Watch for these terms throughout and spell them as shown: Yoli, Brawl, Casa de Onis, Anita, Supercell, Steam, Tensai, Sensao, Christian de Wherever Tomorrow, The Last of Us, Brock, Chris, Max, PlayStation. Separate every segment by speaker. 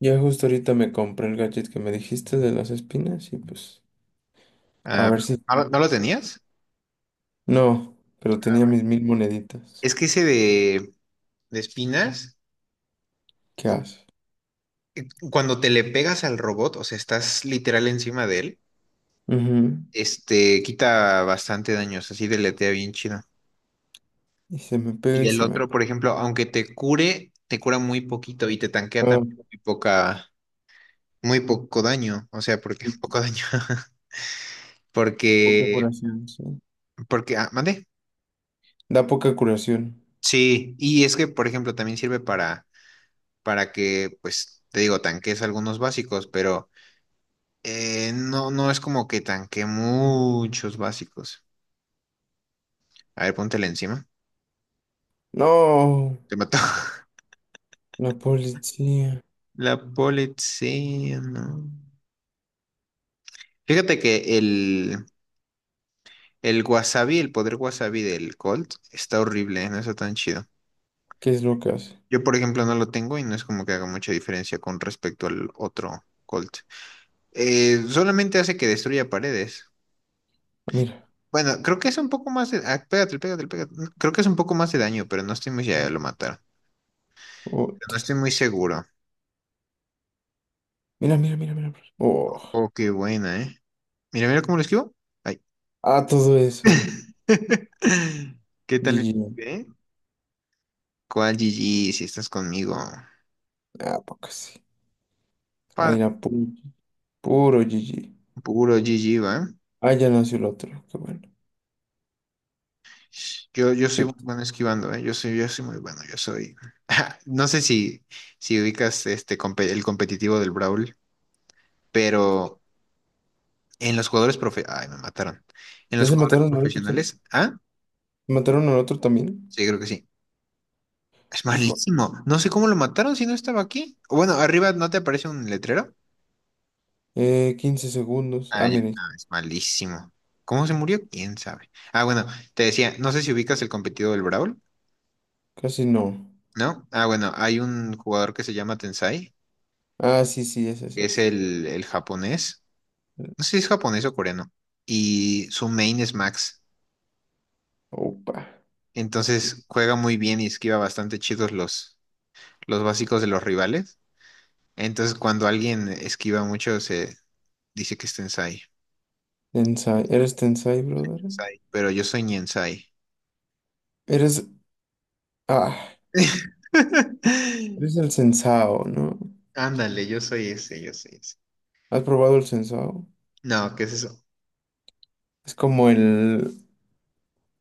Speaker 1: Ya justo ahorita me compré el gadget que me dijiste de las espinas y pues a
Speaker 2: Ah,
Speaker 1: ver si...
Speaker 2: ¿no, lo no lo tenías?
Speaker 1: No, pero tenía mis mil moneditas.
Speaker 2: Es que ese de espinas,
Speaker 1: ¿Qué haces?
Speaker 2: cuando te le pegas al robot, o sea, estás literal encima de él,
Speaker 1: Ujú.
Speaker 2: este, quita bastante daños, así deletea bien chido.
Speaker 1: Y se me pega
Speaker 2: Y
Speaker 1: y
Speaker 2: el
Speaker 1: se me
Speaker 2: otro, por
Speaker 1: pega.
Speaker 2: ejemplo, aunque te cure, te cura muy poquito y te tanquea
Speaker 1: Ah,
Speaker 2: también muy poca, muy poco daño, o sea, porque
Speaker 1: sí,
Speaker 2: poco daño,
Speaker 1: poca
Speaker 2: porque,
Speaker 1: curación, sí.
Speaker 2: mande.
Speaker 1: Da poca curación.
Speaker 2: Sí, y es que, por ejemplo, también sirve para, que, pues, te digo, tanques algunos básicos, pero, no, no es como que tanque muchos básicos. A ver, póntela encima.
Speaker 1: No,
Speaker 2: Te mató.
Speaker 1: la policía.
Speaker 2: La policía, no. Fíjate que el wasabi, el poder wasabi del Colt está horrible, ¿eh? No está tan chido.
Speaker 1: ¿Qué es lo que hace?
Speaker 2: Yo, por ejemplo, no lo tengo y no es como que haga mucha diferencia con respecto al otro Colt. Solamente hace que destruya paredes.
Speaker 1: Mira,
Speaker 2: Bueno, creo que es un poco más de... ah, pégate, pégate, pégate. No, creo que es un poco más de daño, pero no estoy muy... Ya lo mataron. No
Speaker 1: puta.
Speaker 2: estoy muy seguro.
Speaker 1: Mira, mira, mira, mira. Oh.
Speaker 2: Oh, qué buena, ¿eh? Mira, mira cómo lo esquivo. Ay.
Speaker 1: Ah, todo eso.
Speaker 2: ¿Qué tal?
Speaker 1: GG.
Speaker 2: ¿Eh? ¿Cuál GG si estás conmigo?
Speaker 1: Ah, poca sí. Ahí
Speaker 2: Padre,
Speaker 1: era puro, puro GG.
Speaker 2: puro GG, ¿va?
Speaker 1: Ah, ya nació el otro. Qué bueno.
Speaker 2: Yo soy muy bueno esquivando, ¿eh? Yo soy muy bueno, yo soy. No sé si, ubicas este el competitivo del Brawl, pero en los jugadores Ay, me mataron. En
Speaker 1: ¿Ya
Speaker 2: los
Speaker 1: se
Speaker 2: jugadores
Speaker 1: mataron al otro también?
Speaker 2: profesionales, ¿ah?
Speaker 1: ¿Se mataron al otro también?
Speaker 2: Sí, creo que sí. Es
Speaker 1: Hijo.
Speaker 2: malísimo. No sé cómo lo mataron si no estaba aquí. O bueno, arriba no te aparece un letrero.
Speaker 1: 15 segundos.
Speaker 2: Ah,
Speaker 1: Ah,
Speaker 2: ya, no,
Speaker 1: mire,
Speaker 2: es malísimo. ¿Cómo se murió? ¿Quién sabe? Ah, bueno, te decía, no sé si ubicas el competido del Brawl,
Speaker 1: casi no.
Speaker 2: ¿no? Ah, bueno, hay un jugador que se llama Tensai,
Speaker 1: Ah, sí, sí, ese sí
Speaker 2: que es
Speaker 1: es.
Speaker 2: el, japonés, no sé si es japonés o coreano, y su main es Max.
Speaker 1: Opa.
Speaker 2: Entonces juega muy bien y esquiva bastante chidos los básicos de los rivales. Entonces cuando alguien esquiva mucho se dice que es Tensai.
Speaker 1: Tensai. ¿Eres Tensai, brother?
Speaker 2: Sai, pero yo soy Niensai.
Speaker 1: Eres. Ah, eres el Sensao, ¿no?
Speaker 2: Ándale, yo soy ese, yo soy ese.
Speaker 1: ¿Has probado el Sensao?
Speaker 2: No, ¿qué es eso?
Speaker 1: Es como el.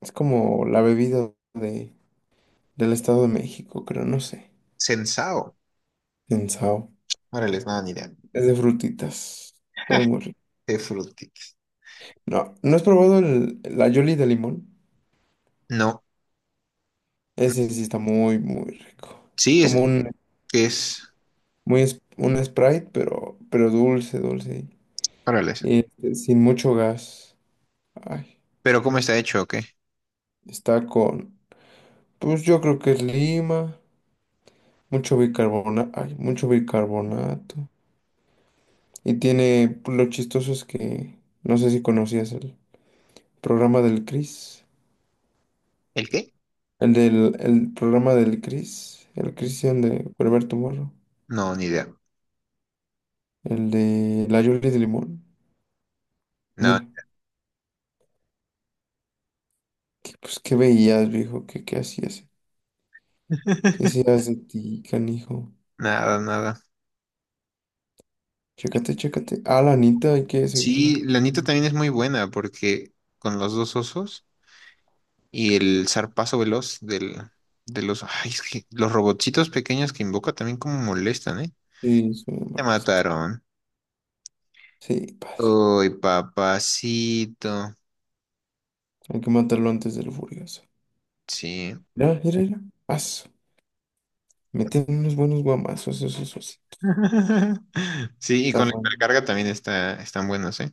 Speaker 1: Es como la bebida de, del Estado de México, creo, no sé.
Speaker 2: Sensao.
Speaker 1: Sensao.
Speaker 2: Órale, nada, ni idea.
Speaker 1: Es de frutitas. Sabe muy rico.
Speaker 2: De Fructit.
Speaker 1: No, ¿no has probado la Yoli de limón?
Speaker 2: No.
Speaker 1: Ese sí está muy, muy rico. Es
Speaker 2: Sí,
Speaker 1: como
Speaker 2: es
Speaker 1: Sí. Un,
Speaker 2: que es.
Speaker 1: muy, un Sprite, pero dulce, dulce.
Speaker 2: Órale.
Speaker 1: Y este, sin mucho gas. Ay,
Speaker 2: Pero ¿cómo está hecho o qué?
Speaker 1: está con, pues yo creo que es lima, mucho bicarbonato, ay, mucho bicarbonato. Y tiene, pues, lo chistoso es que, no sé si conocías el programa del Chris.
Speaker 2: ¿El qué?
Speaker 1: El del, el programa del Chris, el Christian de Wherever Tomorrow.
Speaker 2: No, ni idea.
Speaker 1: El de la Yoli de Limón.
Speaker 2: No,
Speaker 1: Mira. Que, pues, ¿qué veías, viejo? ¿Qué, qué hacías? ¿Qué serás de ti, canijo?
Speaker 2: nada, nada.
Speaker 1: Chécate, chécate. Ah, la Anita, hay que seguirla.
Speaker 2: Sí, la Anita también es muy buena porque con los dos osos y el zarpazo veloz del, de los. Ay, es que los robotcitos pequeños que invoca también como molestan, ¿eh?
Speaker 1: Sí, soy
Speaker 2: Te
Speaker 1: molesto.
Speaker 2: mataron.
Speaker 1: Sí, padre.
Speaker 2: Uy, papacito.
Speaker 1: Hay que matarlo antes del furioso.
Speaker 2: Sí.
Speaker 1: Mira, mira, mira. Aso. Meten unos buenos guamazos, eso, sí.
Speaker 2: Sí, y
Speaker 1: Está
Speaker 2: con la
Speaker 1: bueno.
Speaker 2: hipercarga también está, están buenos, ¿eh?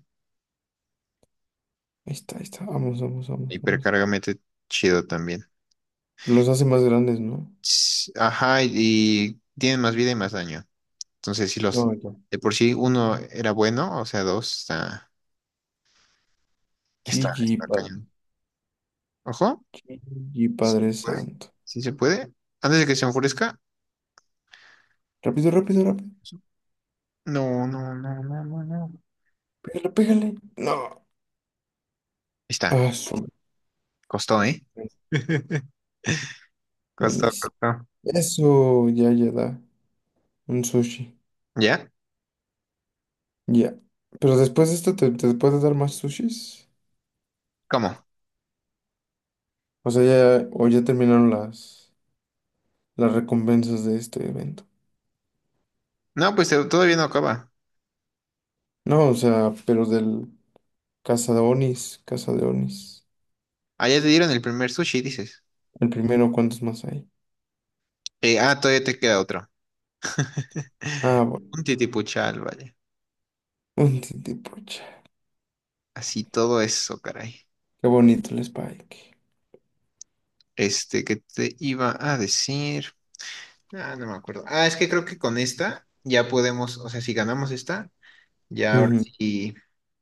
Speaker 1: Ahí está, ahí está. Vamos, vamos, vamos, vamos.
Speaker 2: Hipercargamento chido también.
Speaker 1: Los hace más grandes, ¿no?
Speaker 2: Ajá, y tienen más vida y más daño. Entonces, si los
Speaker 1: No, ya.
Speaker 2: de por sí uno era bueno, o sea, dos está, está,
Speaker 1: GG,
Speaker 2: está
Speaker 1: padre.
Speaker 2: cañón. Ojo,
Speaker 1: GG,
Speaker 2: si se
Speaker 1: Padre
Speaker 2: puede,
Speaker 1: Santo.
Speaker 2: si se puede, antes de que se enfurezca.
Speaker 1: Rápido, rápido, rápido.
Speaker 2: No, no, no, no, no, no. Ahí
Speaker 1: Pégale, pégale. No.
Speaker 2: está,
Speaker 1: Aso.
Speaker 2: costó, ¿eh? Costó,
Speaker 1: Buenísimo.
Speaker 2: costó.
Speaker 1: Eso, ya, ya da. Un sushi.
Speaker 2: ¿Ya?
Speaker 1: Ya. Pero después de esto, ¿te, te puedes dar más sushis?
Speaker 2: ¿Cómo?
Speaker 1: O sea, ya, o ya terminaron las recompensas de este evento.
Speaker 2: No, pues todavía no acaba.
Speaker 1: No, o sea, pero del Casa de Onis, Casa de Onis.
Speaker 2: Ah, ya te dieron el primer sushi, dices.
Speaker 1: El primero, ¿cuántos más hay?
Speaker 2: Todavía te queda otro.
Speaker 1: Ah, bueno.
Speaker 2: Un titipuchal, vale.
Speaker 1: Un titipucha.
Speaker 2: Así todo eso, caray.
Speaker 1: Qué bonito el Spike.
Speaker 2: Este, ¿que te iba a decir? Ah, no me acuerdo. Ah, es que creo que con esta ya podemos, o sea, si ganamos esta, ya ahora
Speaker 1: Ujú.
Speaker 2: sí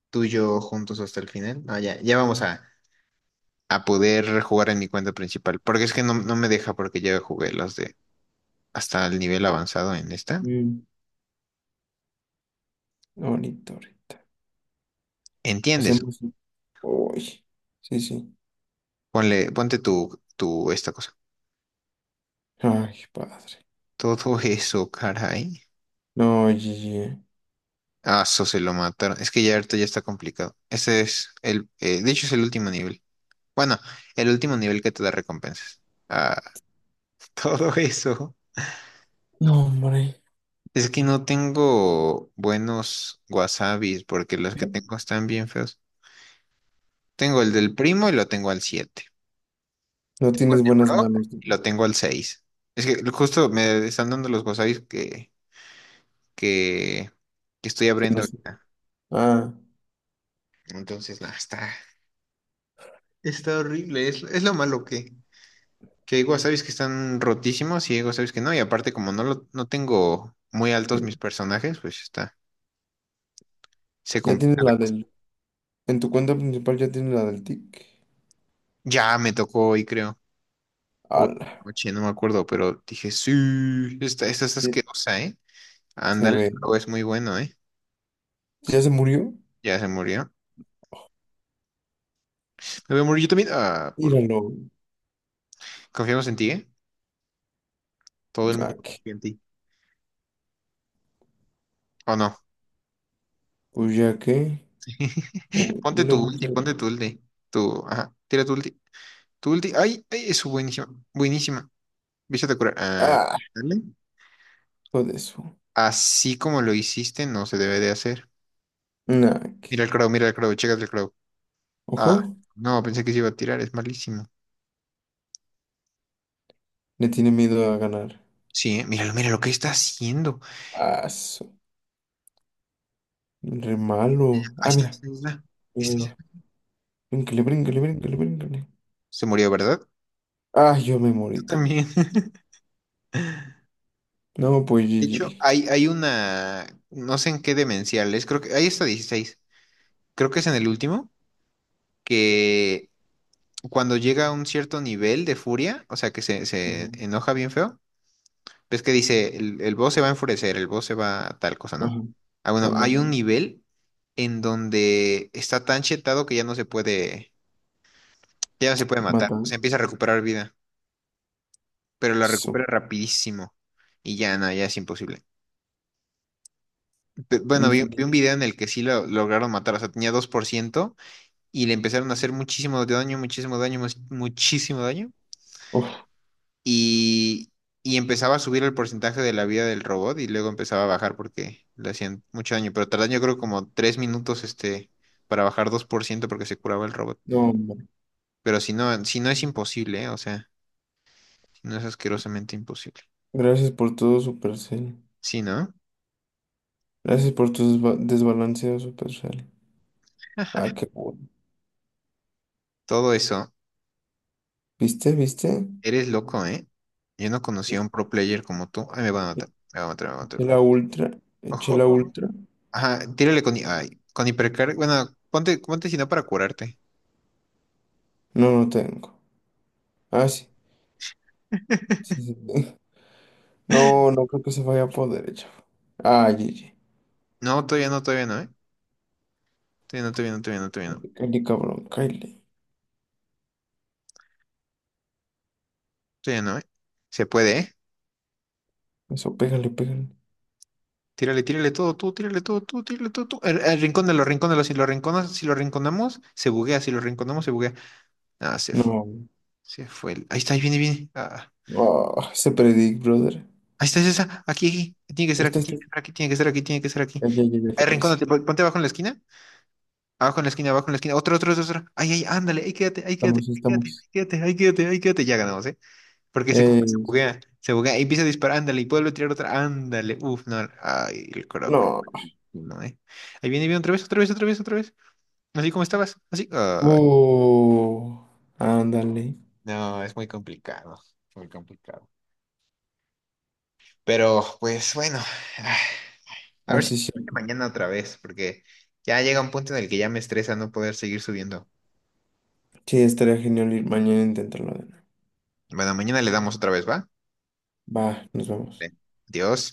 Speaker 2: tú y yo juntos hasta el final. No, ya, ya vamos a, poder jugar en mi cuenta principal, porque es que no, no me deja porque ya jugué los de hasta el nivel avanzado en esta.
Speaker 1: Mm, bonito ahorita.
Speaker 2: ¿Entiendes?
Speaker 1: Hacemos. Uy. Sí, sí.
Speaker 2: Ponle, ponte tu, esta cosa.
Speaker 1: Ay, padre.
Speaker 2: Todo eso, caray.
Speaker 1: No, GG.
Speaker 2: Ah, eso se lo mataron. Es que ya ahorita ya está complicado. Ese es el, de hecho es el último nivel. Bueno, el último nivel que te da recompensas. Ah, todo eso.
Speaker 1: No, hombre.
Speaker 2: Es que no tengo buenos wasabis porque los que tengo están bien feos. Tengo el del primo y lo tengo al 7.
Speaker 1: No
Speaker 2: Tengo el
Speaker 1: tienes
Speaker 2: de
Speaker 1: buenas
Speaker 2: Brock
Speaker 1: manos. Que
Speaker 2: y lo tengo al 6. Es que justo me están dando los wasabis que, que, que estoy abriendo
Speaker 1: no sé.
Speaker 2: ahorita.
Speaker 1: Ah.
Speaker 2: Entonces, nada, está, está horrible. Es lo malo que hay wasabis que están rotísimos y hay wasabis que no. Y aparte, como no, lo, no tengo muy altos mis
Speaker 1: Sí.
Speaker 2: personajes, pues está. Se
Speaker 1: Ya tienes
Speaker 2: complica.
Speaker 1: la del... En tu cuenta principal ya tienes la del tic.
Speaker 2: Ya me tocó hoy, creo. Hoy
Speaker 1: Ala.
Speaker 2: por la noche, no me acuerdo, pero dije, sí, esta es
Speaker 1: Sí,
Speaker 2: asquerosa, ¿eh?
Speaker 1: se
Speaker 2: Ándale,
Speaker 1: ve.
Speaker 2: pero es muy bueno, ¿eh?
Speaker 1: ¿Ya se murió?
Speaker 2: Ya se murió. Me voy a morir yo también. Ah,
Speaker 1: Míralo.
Speaker 2: Confiamos en ti, ¿eh? Todo el mundo
Speaker 1: Ah, ¿qué?
Speaker 2: confía en ti. ¿O no?
Speaker 1: Pues ya que... Yo
Speaker 2: Ponte
Speaker 1: le
Speaker 2: tu
Speaker 1: voy a
Speaker 2: ulti,
Speaker 1: echar...
Speaker 2: ponte tu ulti. Tu, ajá, tira tu ulti. Tu ulti. Ay, ay, es buenísima. Buenísima. Viste a curar. Ah,
Speaker 1: Ah,
Speaker 2: dale.
Speaker 1: hijo de eso.
Speaker 2: Así como lo hiciste, no se debe de hacer.
Speaker 1: Nah, ¿qué?
Speaker 2: Mira el crow, chécate el crow.
Speaker 1: Ojo.
Speaker 2: Ah, no, pensé que se iba a tirar, es malísimo.
Speaker 1: Le tiene miedo a ganar.
Speaker 2: Sí, ¿eh? Míralo, mira lo que está haciendo.
Speaker 1: Ah, re
Speaker 2: Mira,
Speaker 1: malo.
Speaker 2: ahí
Speaker 1: Ah,
Speaker 2: está, ahí
Speaker 1: mira.
Speaker 2: está, ahí está. Ahí
Speaker 1: Ahí va,
Speaker 2: está,
Speaker 1: ahí va.
Speaker 2: ahí está.
Speaker 1: Bríncale, bríncale, bríncale, bríncale.
Speaker 2: Se murió, ¿verdad?
Speaker 1: Ah, yo me morí
Speaker 2: Tú
Speaker 1: también.
Speaker 2: también.
Speaker 1: No, pues
Speaker 2: De hecho,
Speaker 1: GG.
Speaker 2: hay una, no sé en qué demencial es, creo que, ahí está 16. Creo que es en el último, que cuando llega a un cierto nivel de furia, o sea, que se,
Speaker 1: Ajá.
Speaker 2: se enoja bien feo, ves que dice, el boss se va a enfurecer, el boss se va a tal cosa, ¿no?
Speaker 1: Ajá.
Speaker 2: Ah, bueno,
Speaker 1: Ándale.
Speaker 2: hay un nivel en donde está tan chetado que ya no se puede, ya no se puede matar,
Speaker 1: Mata.
Speaker 2: o sea, empieza a recuperar vida. Pero la
Speaker 1: Eso.
Speaker 2: recupera rapidísimo. Y ya, no, ya es imposible. Bueno, vi,
Speaker 1: Infinito.
Speaker 2: vi un video en el que sí lo lograron matar, o sea, tenía 2% y le empezaron a hacer muchísimo daño, muchísimo daño, muchísimo daño.
Speaker 1: Uf.
Speaker 2: Y, y empezaba a subir el porcentaje de la vida del robot y luego empezaba a bajar porque le hacían mucho daño. Pero tardan yo creo como 3 minutos este, para bajar 2% porque se curaba el robot.
Speaker 1: No,
Speaker 2: Pero si no, si no es imposible, ¿eh? O sea, si no es asquerosamente imposible.
Speaker 1: gracias por todo, Supercell.
Speaker 2: Sí, ¿no?
Speaker 1: Gracias por tu desbalanceo, Supercell. Ah, qué bueno.
Speaker 2: Todo eso.
Speaker 1: ¿Viste? ¿Viste?
Speaker 2: Eres loco, ¿eh? Yo no conocía a un pro player como tú. Ay, me va a
Speaker 1: E-
Speaker 2: matar, me va a matar, me va a matar.
Speaker 1: Eché la ultra. Eché
Speaker 2: Ojo,
Speaker 1: la
Speaker 2: ojo, ojo.
Speaker 1: ultra.
Speaker 2: Ajá, tírale con, ay, con hipercar. Bueno, ponte, ponte si no para curarte.
Speaker 1: No, no tengo. Ah, sí. Sí, sí tengo. No, no creo que se vaya por derecha. Ah, GG.
Speaker 2: No, todavía no, todavía no, ¿eh? Todavía no, todavía no, todavía no, todavía no.
Speaker 1: Cáele, cáele, cabrón, cáele.
Speaker 2: Todavía no, ¿eh? Se puede, ¿eh?
Speaker 1: Eso, pégale, pégale.
Speaker 2: Tírale, tírale todo, tú, tírale todo, tú, tírale todo, tú. El rincónalo, rincónalo. Si lo rinconas, si lo rinconamos, se buguea. Si lo rinconamos, se buguea. Ah, se fue.
Speaker 1: No.
Speaker 2: Se fue. Ahí está, ahí viene, viene. Ah, ah,
Speaker 1: Ah, se predic, brother.
Speaker 2: ahí está, es esa. Aquí, aquí. Tiene que
Speaker 1: Ahí
Speaker 2: ser aquí,
Speaker 1: está, ahí
Speaker 2: tiene
Speaker 1: está.
Speaker 2: que ser aquí, tiene que ser aquí, tiene que ser aquí.
Speaker 1: Ya, ya, ya, ya
Speaker 2: Ahí
Speaker 1: con eso.
Speaker 2: rincónate, ponte abajo en la esquina. Abajo en la esquina, abajo en la esquina. Otro, otro, otro, otro. Ay, ay, ándale, ahí quédate, ahí quédate,
Speaker 1: Estamos,
Speaker 2: ahí quédate, ahí
Speaker 1: estamos.
Speaker 2: quédate, ahí quédate, ahí quédate. Ya ganamos, ¿eh? Porque como que
Speaker 1: Eh,
Speaker 2: se buguea y empieza a disparar, ándale, y vuelve a tirar otra, ándale. Uf, no. Ay, el coro, güey.
Speaker 1: no.
Speaker 2: No, ¿eh? Ahí viene, viene otra vez, otra vez, otra vez, otra vez. Así como estabas, así. Ay,
Speaker 1: Uh, ándale.
Speaker 2: no, es muy complicado, muy complicado. Pero, pues bueno, ah, a ver si
Speaker 1: Así sí. Sí.
Speaker 2: mañana otra vez, porque ya llega un punto en el que ya me estresa no poder seguir subiendo.
Speaker 1: Sí, estaría genial ir mañana a intentarlo de nuevo.
Speaker 2: Bueno, mañana le damos otra vez, ¿va?
Speaker 1: Va, nos vamos.
Speaker 2: Vale. Adiós.